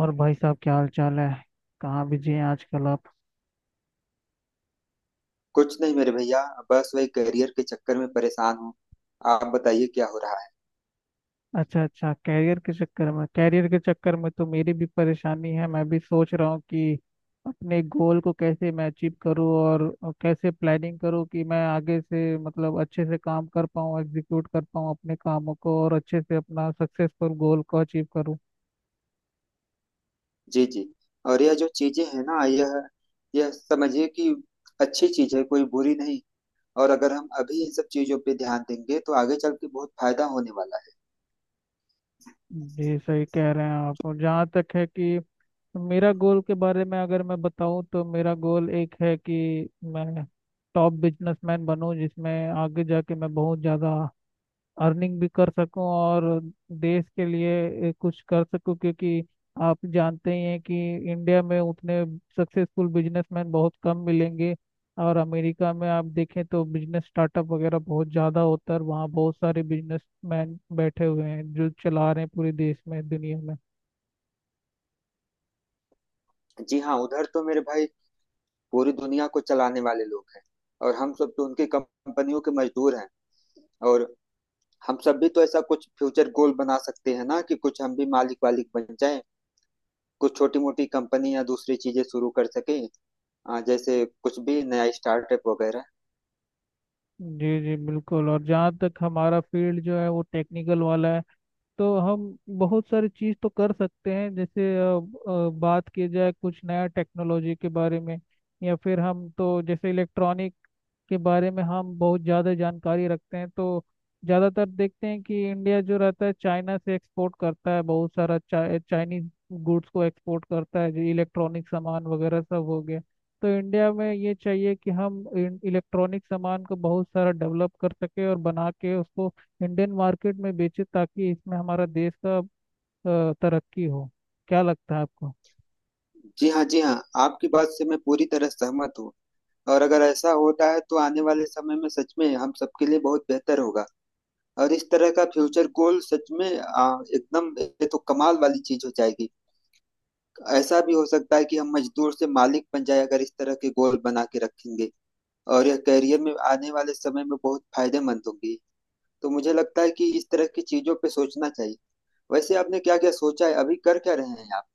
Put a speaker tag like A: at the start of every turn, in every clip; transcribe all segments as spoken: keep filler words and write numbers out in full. A: और भाई साहब क्या हाल चाल है। कहाँ बिजी हैं आजकल आप।
B: कुछ नहीं मेरे भैया। बस वही करियर के चक्कर में परेशान हूँ। आप बताइए क्या हो रहा है।
A: अच्छा अच्छा, कैरियर के चक्कर में कैरियर के चक्कर में तो मेरी भी परेशानी है। मैं भी सोच रहा हूँ कि अपने गोल को कैसे मैं अचीव करूँ और कैसे प्लानिंग करूँ कि मैं आगे से मतलब अच्छे से काम कर पाऊँ, एग्जीक्यूट कर पाऊँ अपने कामों को और अच्छे से अपना सक्सेसफुल गोल को अचीव करूँ।
B: जी जी। और यह जो चीजें हैं ना, यह यह समझिए कि अच्छी चीज है, कोई बुरी नहीं। और अगर हम अभी इन सब चीजों पे ध्यान देंगे तो आगे चल के बहुत फायदा होने वाला
A: जी सही कह रहे हैं आप। और जहाँ तक है कि मेरा गोल के बारे में अगर मैं बताऊं, तो मेरा गोल एक है कि मैं टॉप बिजनेसमैन बनूं, जिसमें आगे जाके मैं बहुत ज़्यादा अर्निंग भी कर सकूं और देश के लिए कुछ कर सकूं। क्योंकि आप जानते ही हैं कि इंडिया में उतने सक्सेसफुल बिजनेसमैन बहुत कम मिलेंगे, और अमेरिका में आप देखें तो बिजनेस स्टार्टअप वगैरह बहुत ज़्यादा होता है और वहाँ बहुत सारे बिजनेसमैन बैठे हुए हैं जो चला रहे हैं पूरे देश में, दुनिया में।
B: है। जी हाँ, उधर तो मेरे भाई पूरी दुनिया को चलाने वाले लोग हैं। और हम सब तो उनकी कंपनियों के मजदूर हैं। और हम सब भी तो ऐसा कुछ फ्यूचर गोल बना सकते हैं ना, कि कुछ हम भी मालिक वालिक बन जाएं। कुछ छोटी मोटी कंपनी या दूसरी चीजें शुरू कर सके। आ, जैसे कुछ भी नया स्टार्टअप वगैरह।
A: जी जी बिल्कुल। और जहाँ तक हमारा फील्ड जो है वो टेक्निकल वाला है, तो हम बहुत सारी चीज़ तो कर सकते हैं। जैसे अ, अ, बात की जाए कुछ नया टेक्नोलॉजी के बारे में, या फिर हम तो जैसे इलेक्ट्रॉनिक के बारे में हम बहुत ज़्यादा जानकारी रखते हैं। तो ज़्यादातर देखते हैं कि इंडिया जो रहता है चाइना से एक्सपोर्ट करता है, बहुत सारा चा, चाइनीज गुड्स को एक्सपोर्ट करता है, जो इलेक्ट्रॉनिक सामान वगैरह सब हो गया। तो इंडिया में ये चाहिए कि हम इलेक्ट्रॉनिक सामान को बहुत सारा डेवलप कर सके और बना के उसको इंडियन मार्केट में बेचे, ताकि इसमें हमारा देश का अ, तरक्की हो। क्या लगता है आपको।
B: जी हाँ, जी हाँ, आपकी बात से मैं पूरी तरह सहमत हूँ। और अगर ऐसा होता है तो आने वाले समय में सच में हम सबके लिए बहुत बेहतर होगा। और इस तरह का फ्यूचर गोल सच में आ, एकदम, ये तो कमाल वाली चीज हो जाएगी। ऐसा भी हो सकता है कि हम मजदूर से मालिक बन जाए अगर इस तरह के गोल बना के रखेंगे। और यह करियर में आने वाले समय में बहुत फायदेमंद होंगी। तो मुझे लगता है कि इस तरह की चीजों पे सोचना चाहिए। वैसे आपने क्या क्या सोचा है, अभी कर क्या रहे हैं आप?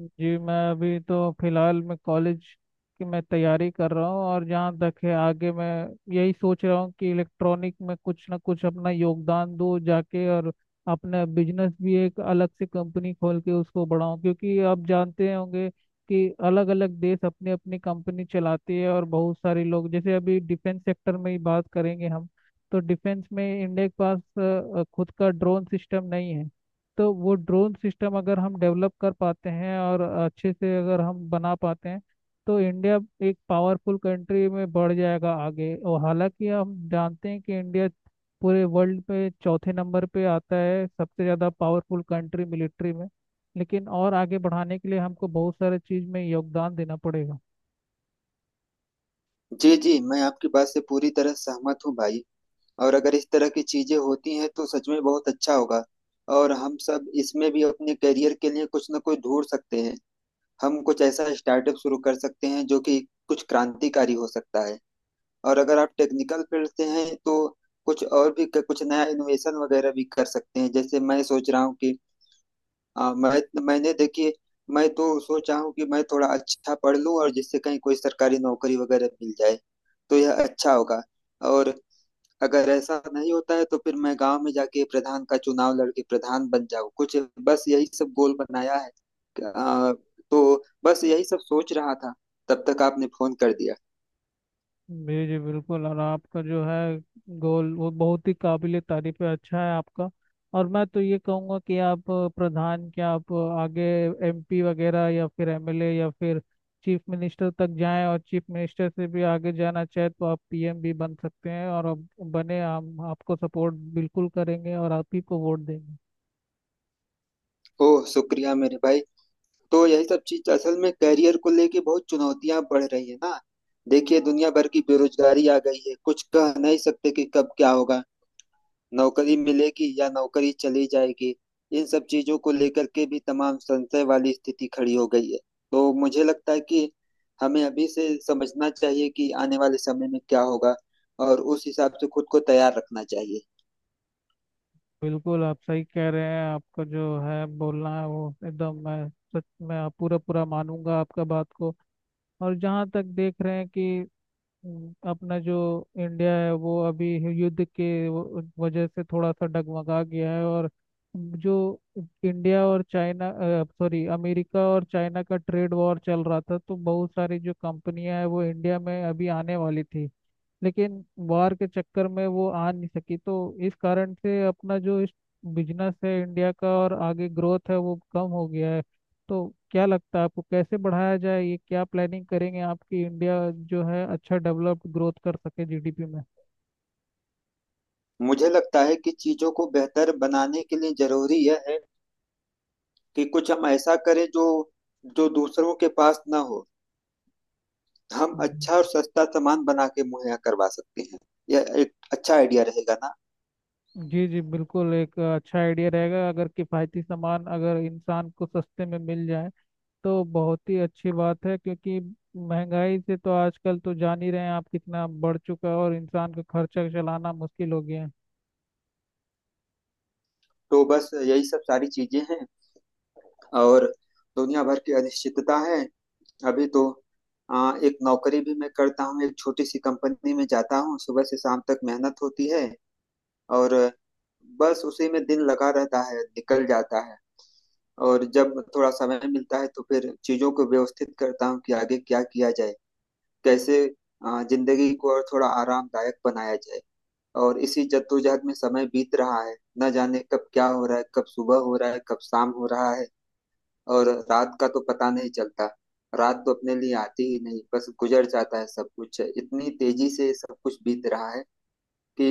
A: जी, मैं अभी तो फिलहाल मैं कॉलेज की मैं तैयारी कर रहा हूँ। और जहाँ तक है, आगे मैं यही सोच रहा हूँ कि इलेक्ट्रॉनिक में कुछ ना कुछ अपना योगदान दूँ जाके, और अपना बिजनेस भी एक अलग से कंपनी खोल के उसको बढ़ाऊँ। क्योंकि आप जानते होंगे कि अलग अलग देश अपनी अपनी कंपनी चलाती है, और बहुत सारे लोग, जैसे अभी डिफेंस सेक्टर में ही बात करेंगे हम, तो डिफेंस में इंडिया के पास अ, खुद का ड्रोन सिस्टम नहीं है। तो वो ड्रोन सिस्टम अगर हम डेवलप कर पाते हैं और अच्छे से अगर हम बना पाते हैं तो इंडिया एक पावरफुल कंट्री में बढ़ जाएगा आगे। और हालांकि हम जानते हैं कि इंडिया पूरे वर्ल्ड पे चौथे नंबर पे आता है, सबसे ज़्यादा पावरफुल कंट्री मिलिट्री में, लेकिन और आगे बढ़ाने के लिए हमको बहुत सारे चीज़ में योगदान देना पड़ेगा।
B: जी जी, मैं आपकी बात से पूरी तरह सहमत हूँ भाई। और अगर इस तरह की चीजें होती हैं तो सच में बहुत अच्छा होगा। और हम सब इसमें भी अपने करियर के लिए कुछ ना कुछ ढूंढ सकते हैं। हम कुछ ऐसा स्टार्टअप शुरू कर सकते हैं जो कि कुछ क्रांतिकारी हो सकता है। और अगर आप टेक्निकल फील्ड से हैं तो कुछ और भी कुछ नया इनोवेशन वगैरह भी कर सकते हैं। जैसे मैं सोच रहा हूँ कि हाँ, मैं मैंने देखिए, मैं तो सोचा हूँ कि मैं थोड़ा अच्छा पढ़ लूँ और जिससे कहीं कोई सरकारी नौकरी वगैरह मिल जाए तो यह अच्छा होगा। और अगर ऐसा नहीं होता है तो फिर मैं गांव में जाके प्रधान का चुनाव लड़के प्रधान बन जाऊँ कुछ। बस यही सब गोल बनाया है। आ, तो बस यही सब सोच रहा था, तब तक आपने फोन कर दिया।
A: जी जी बिल्कुल। और आपका जो है गोल, वो बहुत ही काबिले तारीफ है, अच्छा है आपका। और मैं तो ये कहूँगा कि आप अ, प्रधान क्या, आप अ, आगे एम पी वगैरह, या फिर एम एल ए, या फिर चीफ मिनिस्टर तक जाएं, और चीफ मिनिस्टर से भी आगे जाना चाहे तो आप पी एम भी बन सकते हैं। और अब बने, हम आपको सपोर्ट बिल्कुल करेंगे और आप ही को वोट देंगे।
B: ओह शुक्रिया मेरे भाई। तो यही सब चीज असल में करियर को लेके बहुत चुनौतियां बढ़ रही है ना। देखिए, दुनिया भर की बेरोजगारी आ गई है। कुछ कह नहीं सकते कि कब क्या होगा, नौकरी मिलेगी या नौकरी चली जाएगी। इन सब चीजों को लेकर के भी तमाम संशय वाली स्थिति खड़ी हो गई है। तो मुझे लगता है कि हमें अभी से समझना चाहिए कि आने वाले समय में क्या होगा, और उस हिसाब से खुद को तैयार रखना चाहिए।
A: बिल्कुल आप सही कह रहे हैं। आपका जो है बोलना है, वो एकदम मैं सच में आप पूरा पूरा मानूंगा आपका बात को। और जहाँ तक देख रहे हैं कि अम, अपना जो इंडिया है वो अभी युद्ध के व- वजह से थोड़ा सा डगमगा गया है। और जो इंडिया और चाइना, सॉरी, अमेरिका और चाइना का ट्रेड वॉर चल रहा था, तो बहुत सारी जो कंपनियां हैं वो इंडिया में अभी आने वाली थी, लेकिन वार के चक्कर में वो आ नहीं सकी। तो इस कारण से अपना जो इस बिजनेस है इंडिया का और आगे ग्रोथ है, वो कम हो गया है। तो क्या लगता है आपको, कैसे बढ़ाया जाए, ये क्या प्लानिंग करेंगे आपकी, इंडिया जो है अच्छा डेवलप्ड ग्रोथ कर सके जी डी पी में।
B: मुझे लगता है कि चीजों को बेहतर बनाने के लिए जरूरी यह है कि कुछ हम ऐसा करें जो जो दूसरों के पास ना हो। हम
A: जी।
B: अच्छा और सस्ता सामान बना के मुहैया करवा सकते हैं। यह एक अच्छा आइडिया रहेगा ना।
A: जी जी, बिल्कुल एक अच्छा आइडिया रहेगा। अगर किफ़ायती सामान अगर इंसान को सस्ते में मिल जाए तो बहुत ही अच्छी बात है। क्योंकि महंगाई से तो आजकल तो जान ही रहे हैं आप, कितना बढ़ चुका है और इंसान का खर्चा चलाना मुश्किल हो गया है।
B: तो बस यही सब सारी चीजें हैं। और दुनिया भर की अनिश्चितता है। अभी तो आ, एक नौकरी भी मैं करता हूँ, एक छोटी सी कंपनी में जाता हूँ, सुबह से शाम तक मेहनत होती है। और बस उसी में दिन लगा रहता है, निकल जाता है। और जब थोड़ा समय मिलता है तो फिर चीजों को व्यवस्थित करता हूँ कि आगे क्या किया जाए, कैसे अ, जिंदगी को और थोड़ा आरामदायक बनाया जाए। और इसी जद्दोजहद में समय बीत रहा है। न जाने कब क्या हो रहा है, कब सुबह हो रहा है, कब शाम हो रहा है, और रात का तो पता नहीं चलता। रात तो अपने लिए आती ही नहीं, बस गुजर जाता है। सब कुछ इतनी तेजी से सब कुछ बीत रहा है कि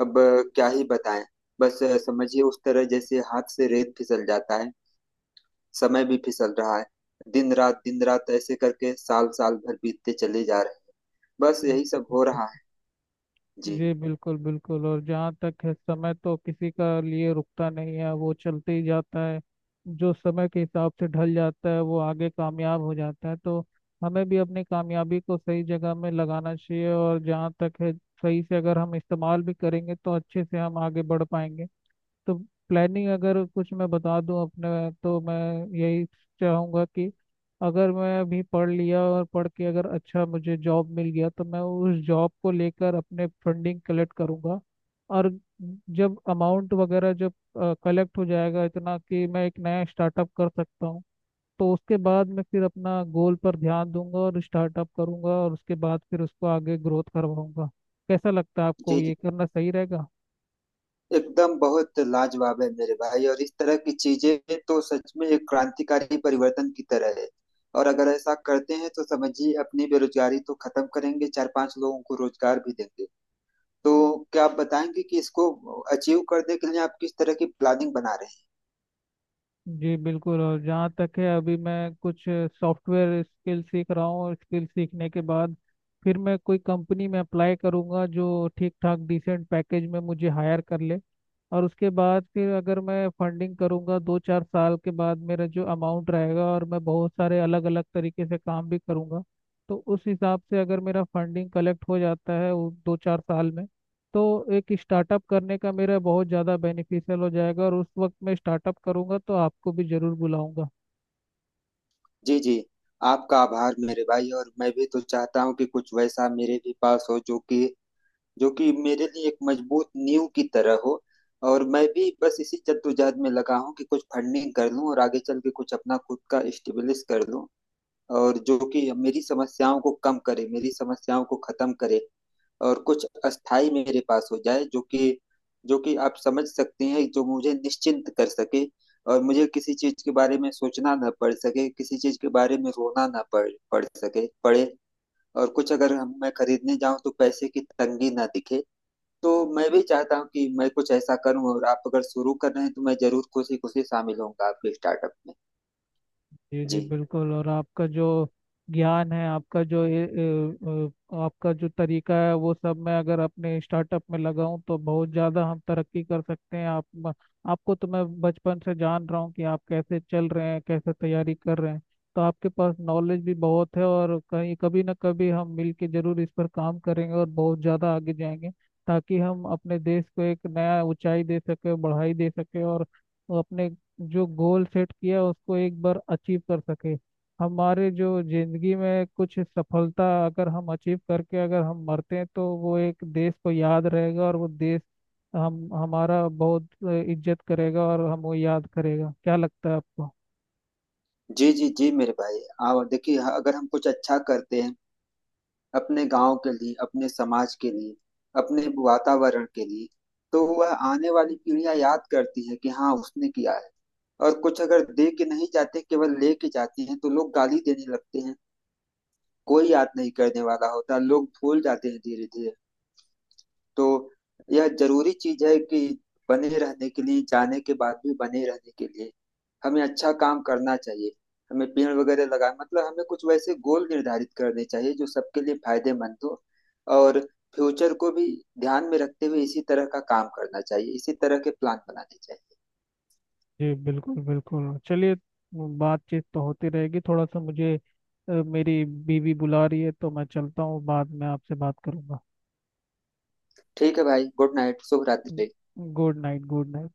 B: अब अ, क्या ही बताएं। बस अ, समझिए उस तरह जैसे हाथ से रेत फिसल जाता है, समय भी फिसल रहा है। दिन रात दिन रात ऐसे करके साल साल भर बीतते चले जा रहे हैं। बस यही सब हो रहा
A: जी।
B: है। जी।
A: जी, बिल्कुल बिल्कुल। और जहाँ तक है, समय तो किसी का लिए रुकता नहीं है, वो चलते ही जाता है। जो समय के हिसाब से ढल जाता है वो आगे कामयाब हो जाता है। तो हमें भी अपनी कामयाबी को सही जगह में लगाना चाहिए, और जहाँ तक है सही से अगर हम इस्तेमाल भी करेंगे तो अच्छे से हम आगे बढ़ पाएंगे। तो प्लानिंग अगर कुछ मैं बता दूं अपने, तो मैं यही चाहूँगा कि अगर मैं अभी पढ़ लिया और पढ़ के अगर अच्छा मुझे जॉब मिल गया, तो मैं उस जॉब को लेकर अपने फंडिंग कलेक्ट करूँगा। और जब अमाउंट वगैरह जब कलेक्ट हो जाएगा इतना कि मैं एक नया स्टार्टअप कर सकता हूँ, तो उसके बाद मैं फिर अपना गोल पर ध्यान दूंगा और स्टार्टअप करूंगा, और उसके बाद फिर उसको आगे ग्रोथ करवाऊंगा। कैसा लगता है आपको,
B: जी। जी,
A: ये करना सही रहेगा।
B: एकदम बहुत लाजवाब है मेरे भाई। और इस तरह की चीजें तो सच में एक क्रांतिकारी परिवर्तन की तरह है। और अगर ऐसा करते हैं तो समझिए अपनी बेरोजगारी तो खत्म करेंगे, चार पांच लोगों को रोजगार भी देंगे। तो क्या आप बताएंगे कि इसको अचीव करने के लिए आप किस तरह की प्लानिंग बना रहे हैं?
A: जी बिल्कुल। और जहाँ तक है, अभी मैं कुछ सॉफ्टवेयर स्किल सीख रहा हूँ, और स्किल सीखने के बाद फिर मैं कोई कंपनी में अप्लाई करूँगा जो ठीक ठाक डिसेंट पैकेज में मुझे हायर कर ले। और उसके बाद फिर अगर मैं फंडिंग करूँगा दो चार साल के बाद, मेरा जो अमाउंट रहेगा, और मैं बहुत सारे अलग अलग तरीके से काम भी करूँगा, तो उस हिसाब से अगर मेरा फंडिंग कलेक्ट हो जाता है वो दो चार साल में, तो एक स्टार्टअप करने का मेरा बहुत ज़्यादा बेनिफिशियल हो जाएगा। और उस वक्त मैं स्टार्टअप करूंगा तो आपको भी ज़रूर बुलाऊंगा।
B: जी जी, आपका आभार मेरे भाई। और मैं भी तो चाहता हूँ कि कुछ वैसा मेरे भी पास हो जो कि जो कि मेरे लिए एक मजबूत नींव की तरह हो। और मैं भी बस इसी जद्दोजहद में लगा हूँ कि कुछ फंडिंग कर लूँ और आगे चल के कुछ अपना खुद का स्टेब्लिश कर लूँ, और जो कि मेरी समस्याओं को कम करे, मेरी समस्याओं को खत्म करे। और कुछ अस्थाई मेरे पास हो जाए जो कि जो कि आप समझ सकते हैं, जो मुझे निश्चिंत कर सके, और मुझे किसी चीज के बारे में सोचना ना पड़ सके, किसी चीज के बारे में रोना ना पड़ पड़ सके पड़े। और कुछ अगर हम मैं खरीदने जाऊं तो पैसे की तंगी ना दिखे। तो मैं भी चाहता हूँ कि मैं कुछ ऐसा करूँ, और आप अगर शुरू कर रहे हैं तो मैं जरूर खुशी खुशी शामिल होऊंगा आपके स्टार्टअप में।
A: जी
B: जी।
A: जी बिल्कुल। और आपका जो ज्ञान है, आपका जो ए, ए, अ, आपका जो तरीका है, वो सब मैं अगर अपने स्टार्टअप में लगाऊं तो बहुत ज़्यादा हम तरक्की कर सकते हैं। आप म- आपको तो मैं बचपन से जान रहा हूं कि आप कैसे चल रहे हैं, कैसे तैयारी कर रहे हैं। तो आपके पास नॉलेज भी बहुत है, और कहीं कभी ना कभी हम मिलके जरूर इस पर काम करेंगे और बहुत ज़्यादा आगे जाएंगे। ताकि हम अपने देश को एक नया ऊंचाई दे सके, बढ़ाई दे सके, और अपने जो गोल सेट किया उसको एक बार अचीव कर सके। हमारे जो जिंदगी में कुछ सफलता अगर हम अचीव करके अगर हम मरते हैं तो वो एक देश को याद रहेगा, और वो देश हम हमारा बहुत इज्जत करेगा और हम वो याद करेगा। क्या लगता है आपको।
B: जी जी जी मेरे भाई। आओ देखिए हाँ, अगर हम कुछ अच्छा करते हैं अपने गांव के लिए, अपने समाज के लिए, अपने वातावरण के लिए, तो वह आने वाली पीढ़ियां याद करती है कि हाँ, उसने किया है। और कुछ अगर दे के नहीं जाते, केवल ले के जाते हैं, तो लोग गाली देने लगते हैं। कोई याद नहीं करने वाला होता, लोग भूल जाते हैं धीरे धीरे। तो यह जरूरी चीज है कि बने रहने के लिए, जाने के बाद भी बने रहने के लिए, हमें अच्छा काम करना चाहिए। हमें पेड़ वगैरह लगा मतलब हमें कुछ वैसे गोल निर्धारित करने चाहिए जो सबके लिए फायदेमंद हो। और फ्यूचर को भी ध्यान में रखते हुए इसी तरह का काम करना चाहिए, इसी तरह के प्लान बनाने चाहिए।
A: जी बिल्कुल बिल्कुल। चलिए, बातचीत तो होती रहेगी। थोड़ा सा मुझे अ, मेरी बीवी बुला रही है तो मैं चलता हूँ, बाद में आपसे बात करूँगा।
B: ठीक है भाई, गुड नाइट, शुभ रात्रि।
A: Good night, good night.